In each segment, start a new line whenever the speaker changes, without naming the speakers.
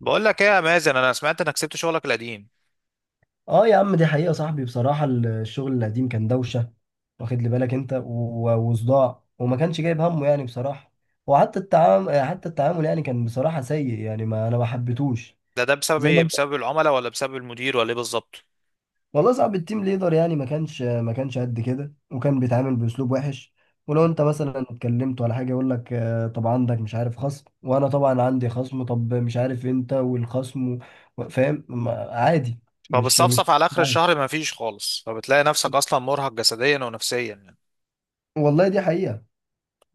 بقول لك ايه يا مازن، انا سمعت انك سبت شغلك القديم.
اه يا عم، دي حقيقة صاحبي. بصراحة الشغل القديم كان دوشة واخد لي بالك انت وصداع، وما كانش جايب همه يعني بصراحة. وحتى التعامل حتى التعامل يعني كان بصراحة سيء يعني، ما انا ما حبيتهوش
ده بسبب
زي ما
ايه؟
انت.
بسبب العملاء، ولا بسبب المدير، ولا ايه بالظبط؟
والله صعب التيم ليدر يعني، ما كانش قد كده، وكان بيتعامل باسلوب وحش. ولو انت مثلا اتكلمت ولا حاجة يقول لك طب عندك مش عارف خصم، وانا طبعا عندي خصم، طب مش عارف انت والخصم، فاهم؟ عادي. مش.
فبتصفصف على اخر الشهر ما فيش خالص، فبتلاقي نفسك اصلا مرهق جسديا ونفسيا يعني.
والله دي حقيقة.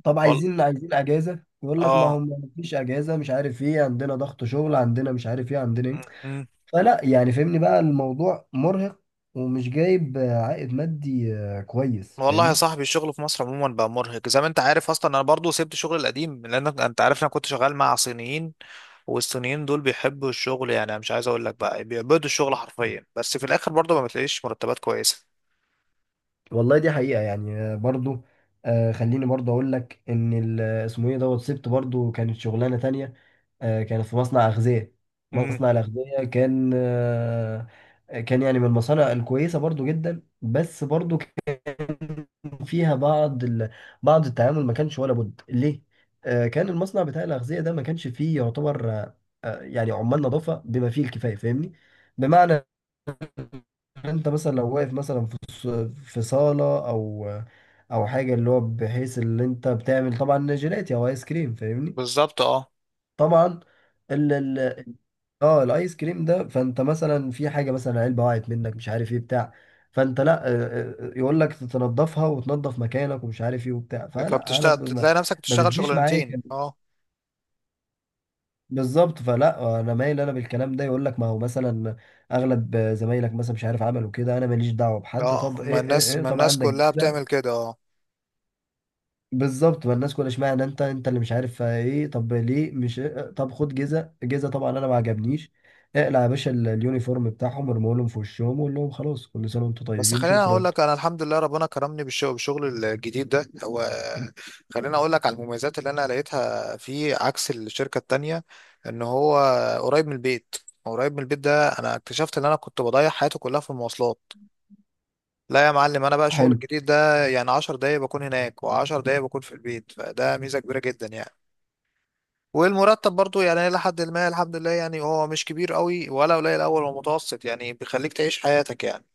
طب
وال...
عايزين اجازه يقول لك ما هم
اه
مفيش اجازه، مش عارف ايه عندنا ضغط شغل، عندنا مش عارف ايه، عندنا ايه.
م- م.
فلا يعني، فهمني بقى، الموضوع مرهق. ومش جايب عائد مادي كويس،
والله يا
فاهمني.
صاحبي، الشغل في مصر عموما بقى مرهق، زي ما انت عارف. اصلا انا برضو سبت شغل القديم، لان انت عارف انا كنت شغال مع صينيين. والصينيين دول بيحبوا الشغل، يعني أنا مش عايز اقول لك بقى بيعبدوا الشغل حرفيا، بس في الاخر برضو ما بتلاقيش مرتبات كويسة.
والله دي حقيقه يعني برضو. خليني برضو اقول لك ان اسمه ايه، دوت سبت برضو، كانت شغلانه تانية. كانت في مصنع أغذية.
امم
مصنع الأغذية كان كان يعني من المصانع الكويسة برضو جدا، بس برضو كان فيها بعض بعض التعامل ما كانش ولا بد ليه؟ كان المصنع بتاع الأغذية ده ما كانش فيه يعتبر يعني عمال نظافة بما فيه الكفاية، فاهمني؟ بمعنى انت مثلا لو واقف مثلا في صالة او او حاجة، اللي هو بحيث اللي انت بتعمل طبعا جيلاتي او ايس كريم، فاهمني؟
بالظبط. اه،
طبعا ال اه الايس كريم ده، فانت مثلا في حاجه مثلا علبه وقعت منك، مش عارف ايه بتاع. فانت لا يقول لك تنضفها وتنضف مكانك، ومش عارف ايه وبتاع. فلا انا
فبتشتغل تلاقي نفسك
ما
بتشتغل
بتجيش معايا.
شغلانتين، اه.
بالظبط. فلا انا مايل انا بالكلام ده، يقول لك ما هو مثلا اغلب زمايلك مثلا مش عارف عملوا كده، انا ماليش دعوه بحد،
اه،
طب
ما
ايه ايه
الناس
ايه،
ما
طب
الناس
عندك.
كلها بتعمل كده، اه.
بالظبط، ما الناس كلها، اشمعنى انت اللي مش عارف ايه، طب ليه مش؟ طب خد جزء جزء. طبعا انا ما عجبنيش. اقلع يا باشا اليونيفورم بتاعهم، ارموا لهم في وشهم، وقول لهم خلاص كل سنه وانتم
بس
طيبين،
خليني اقول
شكرا.
لك، انا الحمد لله ربنا كرمني بالشغل، بالشغل الجديد ده. هو خليني اقول لك على المميزات اللي انا لقيتها فيه عكس الشركة التانية. ان هو قريب من البيت. قريب من البيت ده انا اكتشفت ان انا كنت بضيع حياتي كلها في المواصلات. لا يا معلم، انا بقى الشغل
حلو.
الجديد ده يعني 10 دقايق بكون هناك، و10 دقايق بكون في البيت، فده ميزة كبيرة جدا يعني. والمرتب برضو يعني إلى حد ما الحمد لله، يعني هو مش كبير قوي ولا قليل أوي، هو متوسط يعني بيخليك تعيش حياتك يعني.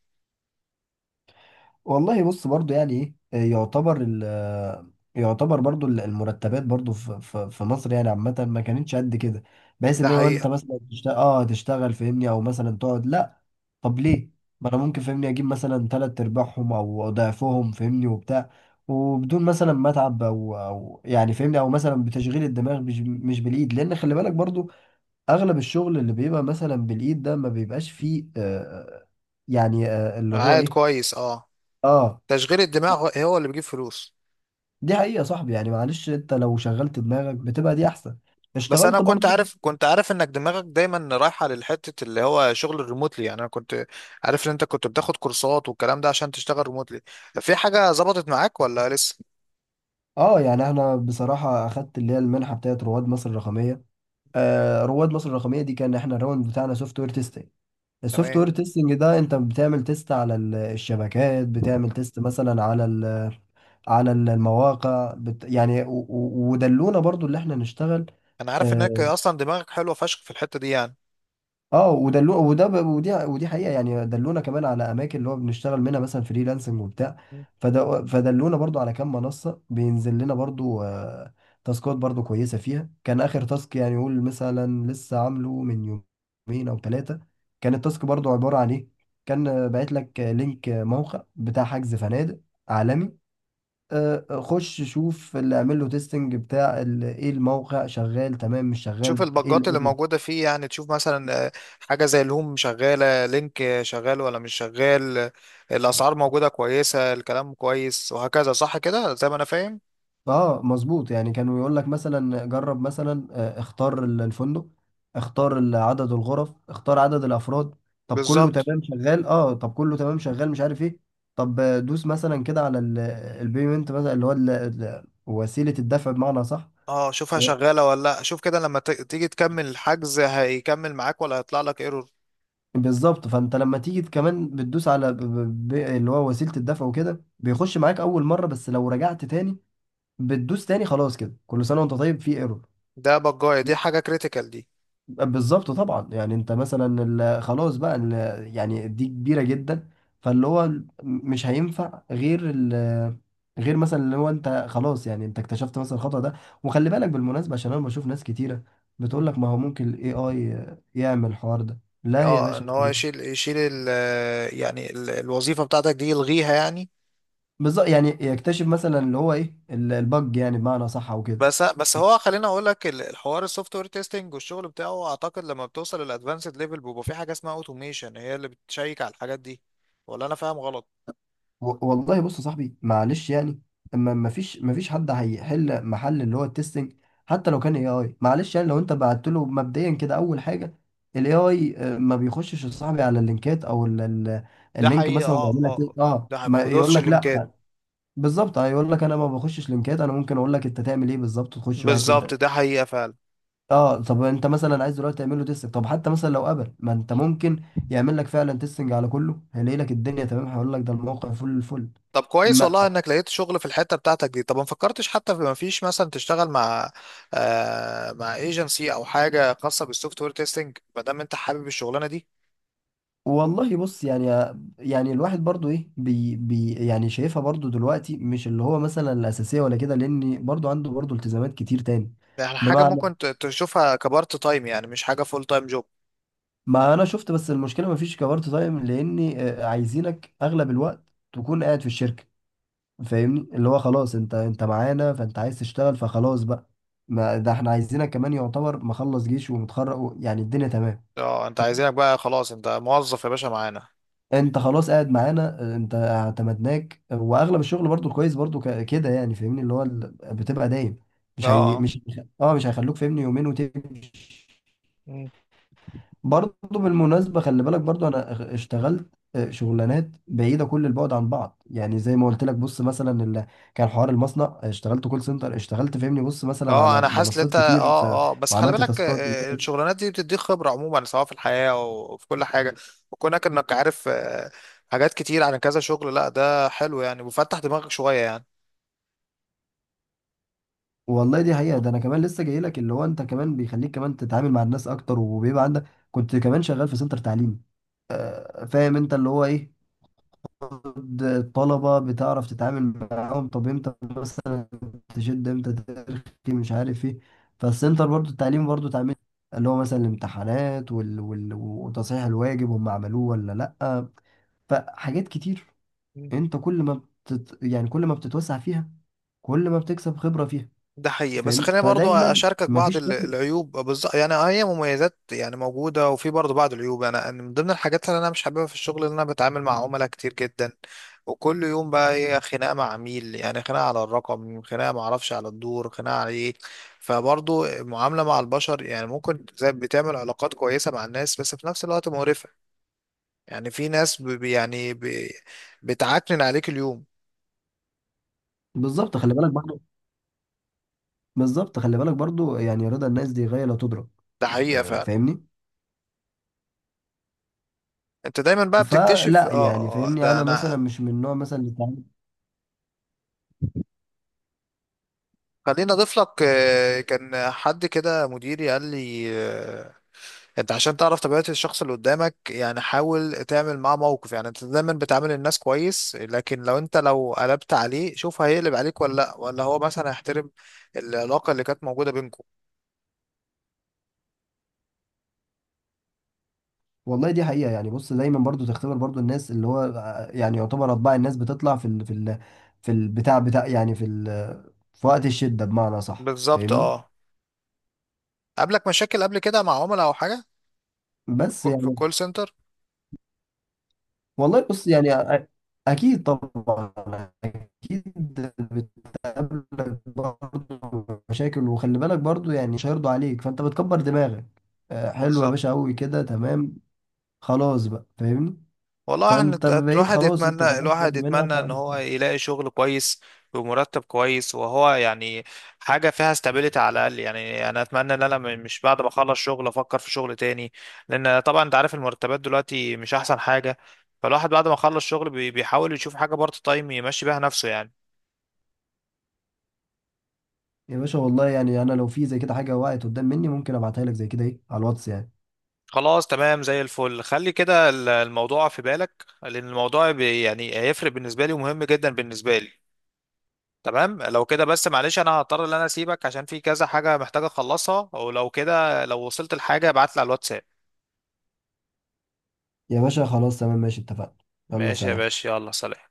والله بص برضو يعني ايه يعتبر ال آه، يعتبر برضو المرتبات برضو في مصر يعني عامة ما كانتش قد كده، بحيث
ده
اللي هو انت
حقيقة.
مثلا تشتغل تشتغل، فاهمني، او مثلا تقعد لا. طب ليه؟ ما انا ممكن، فاهمني، اجيب مثلا تلات ارباعهم او ضعفهم، فاهمني وبتاع، وبدون مثلا ما اتعب او يعني فاهمني، او مثلا بتشغيل الدماغ مش بالايد. لان خلي بالك برضو اغلب الشغل اللي بيبقى مثلا بالايد ده ما بيبقاش فيه يعني اللي هو
عائد
ايه.
كويس، اه.
اه،
تشغيل الدماغ هو اللي بيجيب فلوس.
دي حقيقة يا صاحبي يعني، معلش. انت لو شغلت دماغك بتبقى دي احسن،
بس أنا
اشتغلت
كنت
برضو.
عارف، كنت عارف إنك دماغك دايما رايحة للحتة اللي هو شغل الريموتلي. يعني أنا كنت عارف إن أنت كنت بتاخد كورسات والكلام ده عشان تشتغل ريموتلي. في حاجة ظبطت معاك ولا لسه؟
اه، يعني احنا بصراحة اخدت اللي هي المنحة بتاعت رواد مصر الرقمية. آه، رواد مصر الرقمية دي، كان احنا الراوند بتاعنا سوفت وير تيستنج. السوفت
تمام.
وير تيستنج ده انت بتعمل تيست على الشبكات، بتعمل تيست مثلا على ال، على المواقع، بت يعني ودلونا برضو اللي احنا نشتغل.
أنا عارف إنك
آه،
أصلا دماغك حلوة فشخ في الحتة دي يعني.
اه ودلو وده ودي حقيقة يعني. دلونا كمان على اماكن اللي هو بنشتغل منها مثلا فريلانسنج وبتاع. فدلونا برضو على كام منصة بينزل لنا برضو تاسكات برضو كويسة فيها. كان اخر تاسك يعني، يقول مثلا لسه عامله من يومين او ثلاثة، كان التاسك برضو عبارة عن ايه؟ كان باعت لك لينك موقع بتاع حجز فنادق عالمي. خش شوف اللي اعمل له تيستنج بتاع ايه، الموقع شغال تمام، مش
تشوف
شغال ايه.
البجات اللي موجودة فيه، يعني تشوف مثلا حاجة زي الهوم شغالة، لينك شغال ولا مش شغال، الأسعار موجودة كويسة، الكلام كويس وهكذا، صح كده زي ما أنا فاهم؟
اه مظبوط، يعني كانوا يقول لك مثلا جرب مثلا اختار الفندق، اختار عدد الغرف، اختار عدد الافراد. طب كله
بالظبط،
تمام شغال؟ اه. طب كله تمام شغال، مش عارف ايه. طب دوس مثلا كده على البيمنت مثلا، اللي هو وسيلة الدفع، بمعنى صح.
اه. شوفها شغالة ولا لأ، شوف كده لما تيجي تكمل الحجز هيكمل معاك ولا هيطلع لك ايرور.
بالظبط، فانت لما تيجي كمان بتدوس على اللي هو وسيلة الدفع وكده، بيخش معاك اول مرة، بس لو رجعت تاني بتدوس تاني، خلاص كده، كل سنة وانت طيب في ايرور.
ده بجاية، دي حاجة كريتيكال دي.
بالظبط طبعا. يعني انت مثلا خلاص بقى يعني دي كبيره جدا. فاللي هو مش هينفع غير غير مثلا اللي هو انت خلاص، يعني انت اكتشفت مثلا الخطأ ده. وخلي بالك بالمناسبه، عشان انا بشوف ناس كتيره بتقول
مم.
لك ما هو ممكن الاي اي يعمل الحوار ده. لا يا
اه، ان
باشا.
هو يشيل ال، يعني ال الوظيفة بتاعتك دي يلغيها يعني.
بالظبط يعني يكتشف مثلا اللي هو ايه البج، يعني بمعنى صح او كده.
بس هو خليني اقول لك، الحوار السوفت وير تيستنج والشغل بتاعه اعتقد لما بتوصل للادفانسد ليفل بيبقى في حاجه اسمها اوتوميشن، هي اللي بتشيك على الحاجات دي. ولا انا فاهم غلط؟
والله بص يا صاحبي معلش يعني، اما ما فيش حد هيحل محل اللي هو التستنج، حتى لو كان اي اي، معلش يعني. لو انت بعت له مبدئيا كده اول حاجه، الاي اي ما بيخشش يا صاحبي على اللينكات او
ده
اللينك
حقيقه،
مثلا
اه
ويعمل لك ايه.
اه.
اه،
ده حقيقة. ما
ما يقول
بدوسش
لك
اللينكات.
لا. بالظبط، هيقول لك انا ما بخشش لينكات، انا ممكن اقول لك انت تعمل ايه بالظبط، تخش واحد اتنين
بالظبط،
تلاته.
ده حقيقه فعلا.
اه، طب انت مثلا عايز دلوقتي تعمل له تيستنج، طب حتى مثلا لو قبل ما انت ممكن يعمل لك فعلا تيستنج على كله، هيلاقي لك الدنيا تمام، هيقول لك ده الموقع فل الفل.
طب كويس والله انك لقيت شغل في الحته بتاعتك دي. طب ما فكرتش حتى، في، ما فيش مثلا تشتغل مع، آه، مع ايجنسي او حاجه خاصه بالسوفت وير تيستنج ما دام انت حابب الشغلانه دي؟
والله بص يعني، يعني الواحد برضو ايه، بي يعني شايفها برضو دلوقتي مش اللي هو مثلا الأساسية ولا كده، لأن برضو عنده برضو التزامات كتير تاني.
يعني حاجه
بمعنى،
ممكن تشوفها كبارت تايم، يعني مش حاجه فول تايم جوب.
ما أنا شفت، بس المشكلة مفيش كبارت تايم، لأن عايزينك أغلب الوقت تكون قاعد في الشركة، فاهمني، اللي هو خلاص أنت معانا، فأنت عايز تشتغل، فخلاص بقى. ما ده احنا عايزينك، كمان يعتبر مخلص جيش ومتخرج يعني الدنيا تمام.
اه، انت عايزينك بقى خلاص، انت موظف يا باشا معانا.
انت خلاص قاعد معانا انت اعتمدناك واغلب الشغل برضو كويس برضو كده، يعني فاهمني اللي هو بتبقى دايم
اه.
مش هي
اه.
مش اه، مش هيخلوك فاهمني يومين وتمشي.
مم.
برضو بالمناسبه خلي بالك برضو، انا اشتغلت شغلانات بعيده كل البعد عن بعض. يعني زي ما قلت لك، بص مثلا اللي كان حوار المصنع، اشتغلت كول سنتر، اشتغلت فاهمني بص مثلا
اه،
على
انا حاسس ان
منصات
انت،
كتير
اه اه، بس خلي
وعملت
بالك
تاسكات.
الشغلانات دي بتديك خبرة عموما، سواء في الحياة او في كل حاجة. وكونك انك عارف حاجات كتير عن كذا شغل، لا ده حلو يعني، وفتح دماغك شوية
والله دي حقيقة، ده انا كمان لسه جاي لك، اللي هو انت كمان بيخليك كمان تتعامل مع الناس اكتر، وبيبقى عندك. كنت كمان شغال في سنتر تعليم،
يعني.
فاهم انت اللي هو ايه، الطلبة بتعرف تتعامل معاهم، طب امتى مثلا تشد، امتى ترخي، مش عارف ايه. فالسنتر برضو التعليم برضو تعمل اللي هو مثلا الامتحانات وتصحيح الواجب، هم عملوه ولا لأ، فحاجات كتير. انت كل ما بتت... يعني كل ما بتتوسع فيها، كل ما بتكسب خبرة فيها،
ده حقيقي. بس
فاهم،
خليني برضو
فدايما
اشاركك بعض
مفيش شغل.
العيوب بالظبط يعني. آه، هي مميزات يعني موجوده، وفي برضو بعض العيوب. انا، من ضمن الحاجات اللي انا مش حاببها في الشغل ان انا بتعامل مع عملاء كتير جدا. وكل يوم بقى هي خناقه مع عميل، يعني خناقه على الرقم، خناقه ما اعرفش على الدور، خناقه على ايه. فبرضو المعامله مع البشر يعني، ممكن زي بتعمل علاقات كويسه مع الناس، بس في نفس الوقت مقرفه. يعني في ناس بتعكنن عليك اليوم.
بالظبط خلي بالك برضو بالظبط، خلي بالك برضو، يعني رضا الناس دي غاية لا تدرك.
ده حقيقه فعلا.
فاهمني.
انت دايما بقى بتكتشف، اه
فلا يعني فاهمني،
ده
انا
انا
مثلا مش من النوع مثلا
خليني اضيف لك، كان حد كده مديري قال لي انت عشان تعرف طبيعة الشخص اللي قدامك يعني، حاول تعمل معاه موقف. يعني انت دايما بتعامل الناس كويس، لكن لو انت لو قلبت عليه شوف هيقلب عليك ولا لا، ولا هو مثلا هيحترم العلاقة اللي كانت موجودة بينكم.
والله دي حقيقة يعني، بص دايما برضو تختبر برضو الناس، اللي هو يعني يعتبر اطباع الناس بتطلع في ال في البتاع بتاع، يعني في ال، في وقت الشدة، بمعنى صح،
بالظبط،
فاهمني.
اه. قابلك مشاكل قبل كده مع عملاء او حاجة،
بس
في
يعني،
الكول سنتر؟
والله بص يعني اكيد طبعا، اكيد، قابلك برضه مشاكل، وخلي بالك برضه يعني مش هيرضوا عليك، فانت بتكبر دماغك، حلو يا
بالظبط.
باشا قوي كده، تمام، خلاص بقى، فاهمني.
والله
فانت بقيت
الواحد
خلاص، انت
يتمنى،
اتقفلت
الواحد
برضه منها
يتمنى ان هو يلاقي شغل كويس، بمرتب كويس، وهو يعني حاجة فيها استابيليتي على الأقل. يعني أنا أتمنى إن أنا مش بعد ما أخلص شغل أفكر في شغل تاني، لأن طبعا أنت عارف المرتبات دلوقتي مش أحسن حاجة. فالواحد بعد ما يخلص شغل بيحاول يشوف حاجة بارت تايم يمشي بيها نفسه يعني.
يا باشا والله يعني انا لو في زي كده حاجه وقعت قدام مني ممكن ابعتها لك زي كده، ايه، على الواتس يعني.
خلاص تمام زي الفل، خلي كده الموضوع في بالك، لأن الموضوع يعني هيفرق بالنسبة لي ومهم جدا بالنسبة لي. تمام لو كده، بس معلش انا هضطر ان انا اسيبك عشان في كذا حاجة محتاج اخلصها، ولو كده لو وصلت لحاجة ابعت لي على الواتساب.
يا باشا خلاص تمام ماشي، اتفقنا. يلا
ماشي يا
سلام.
باشا، يلا سلام.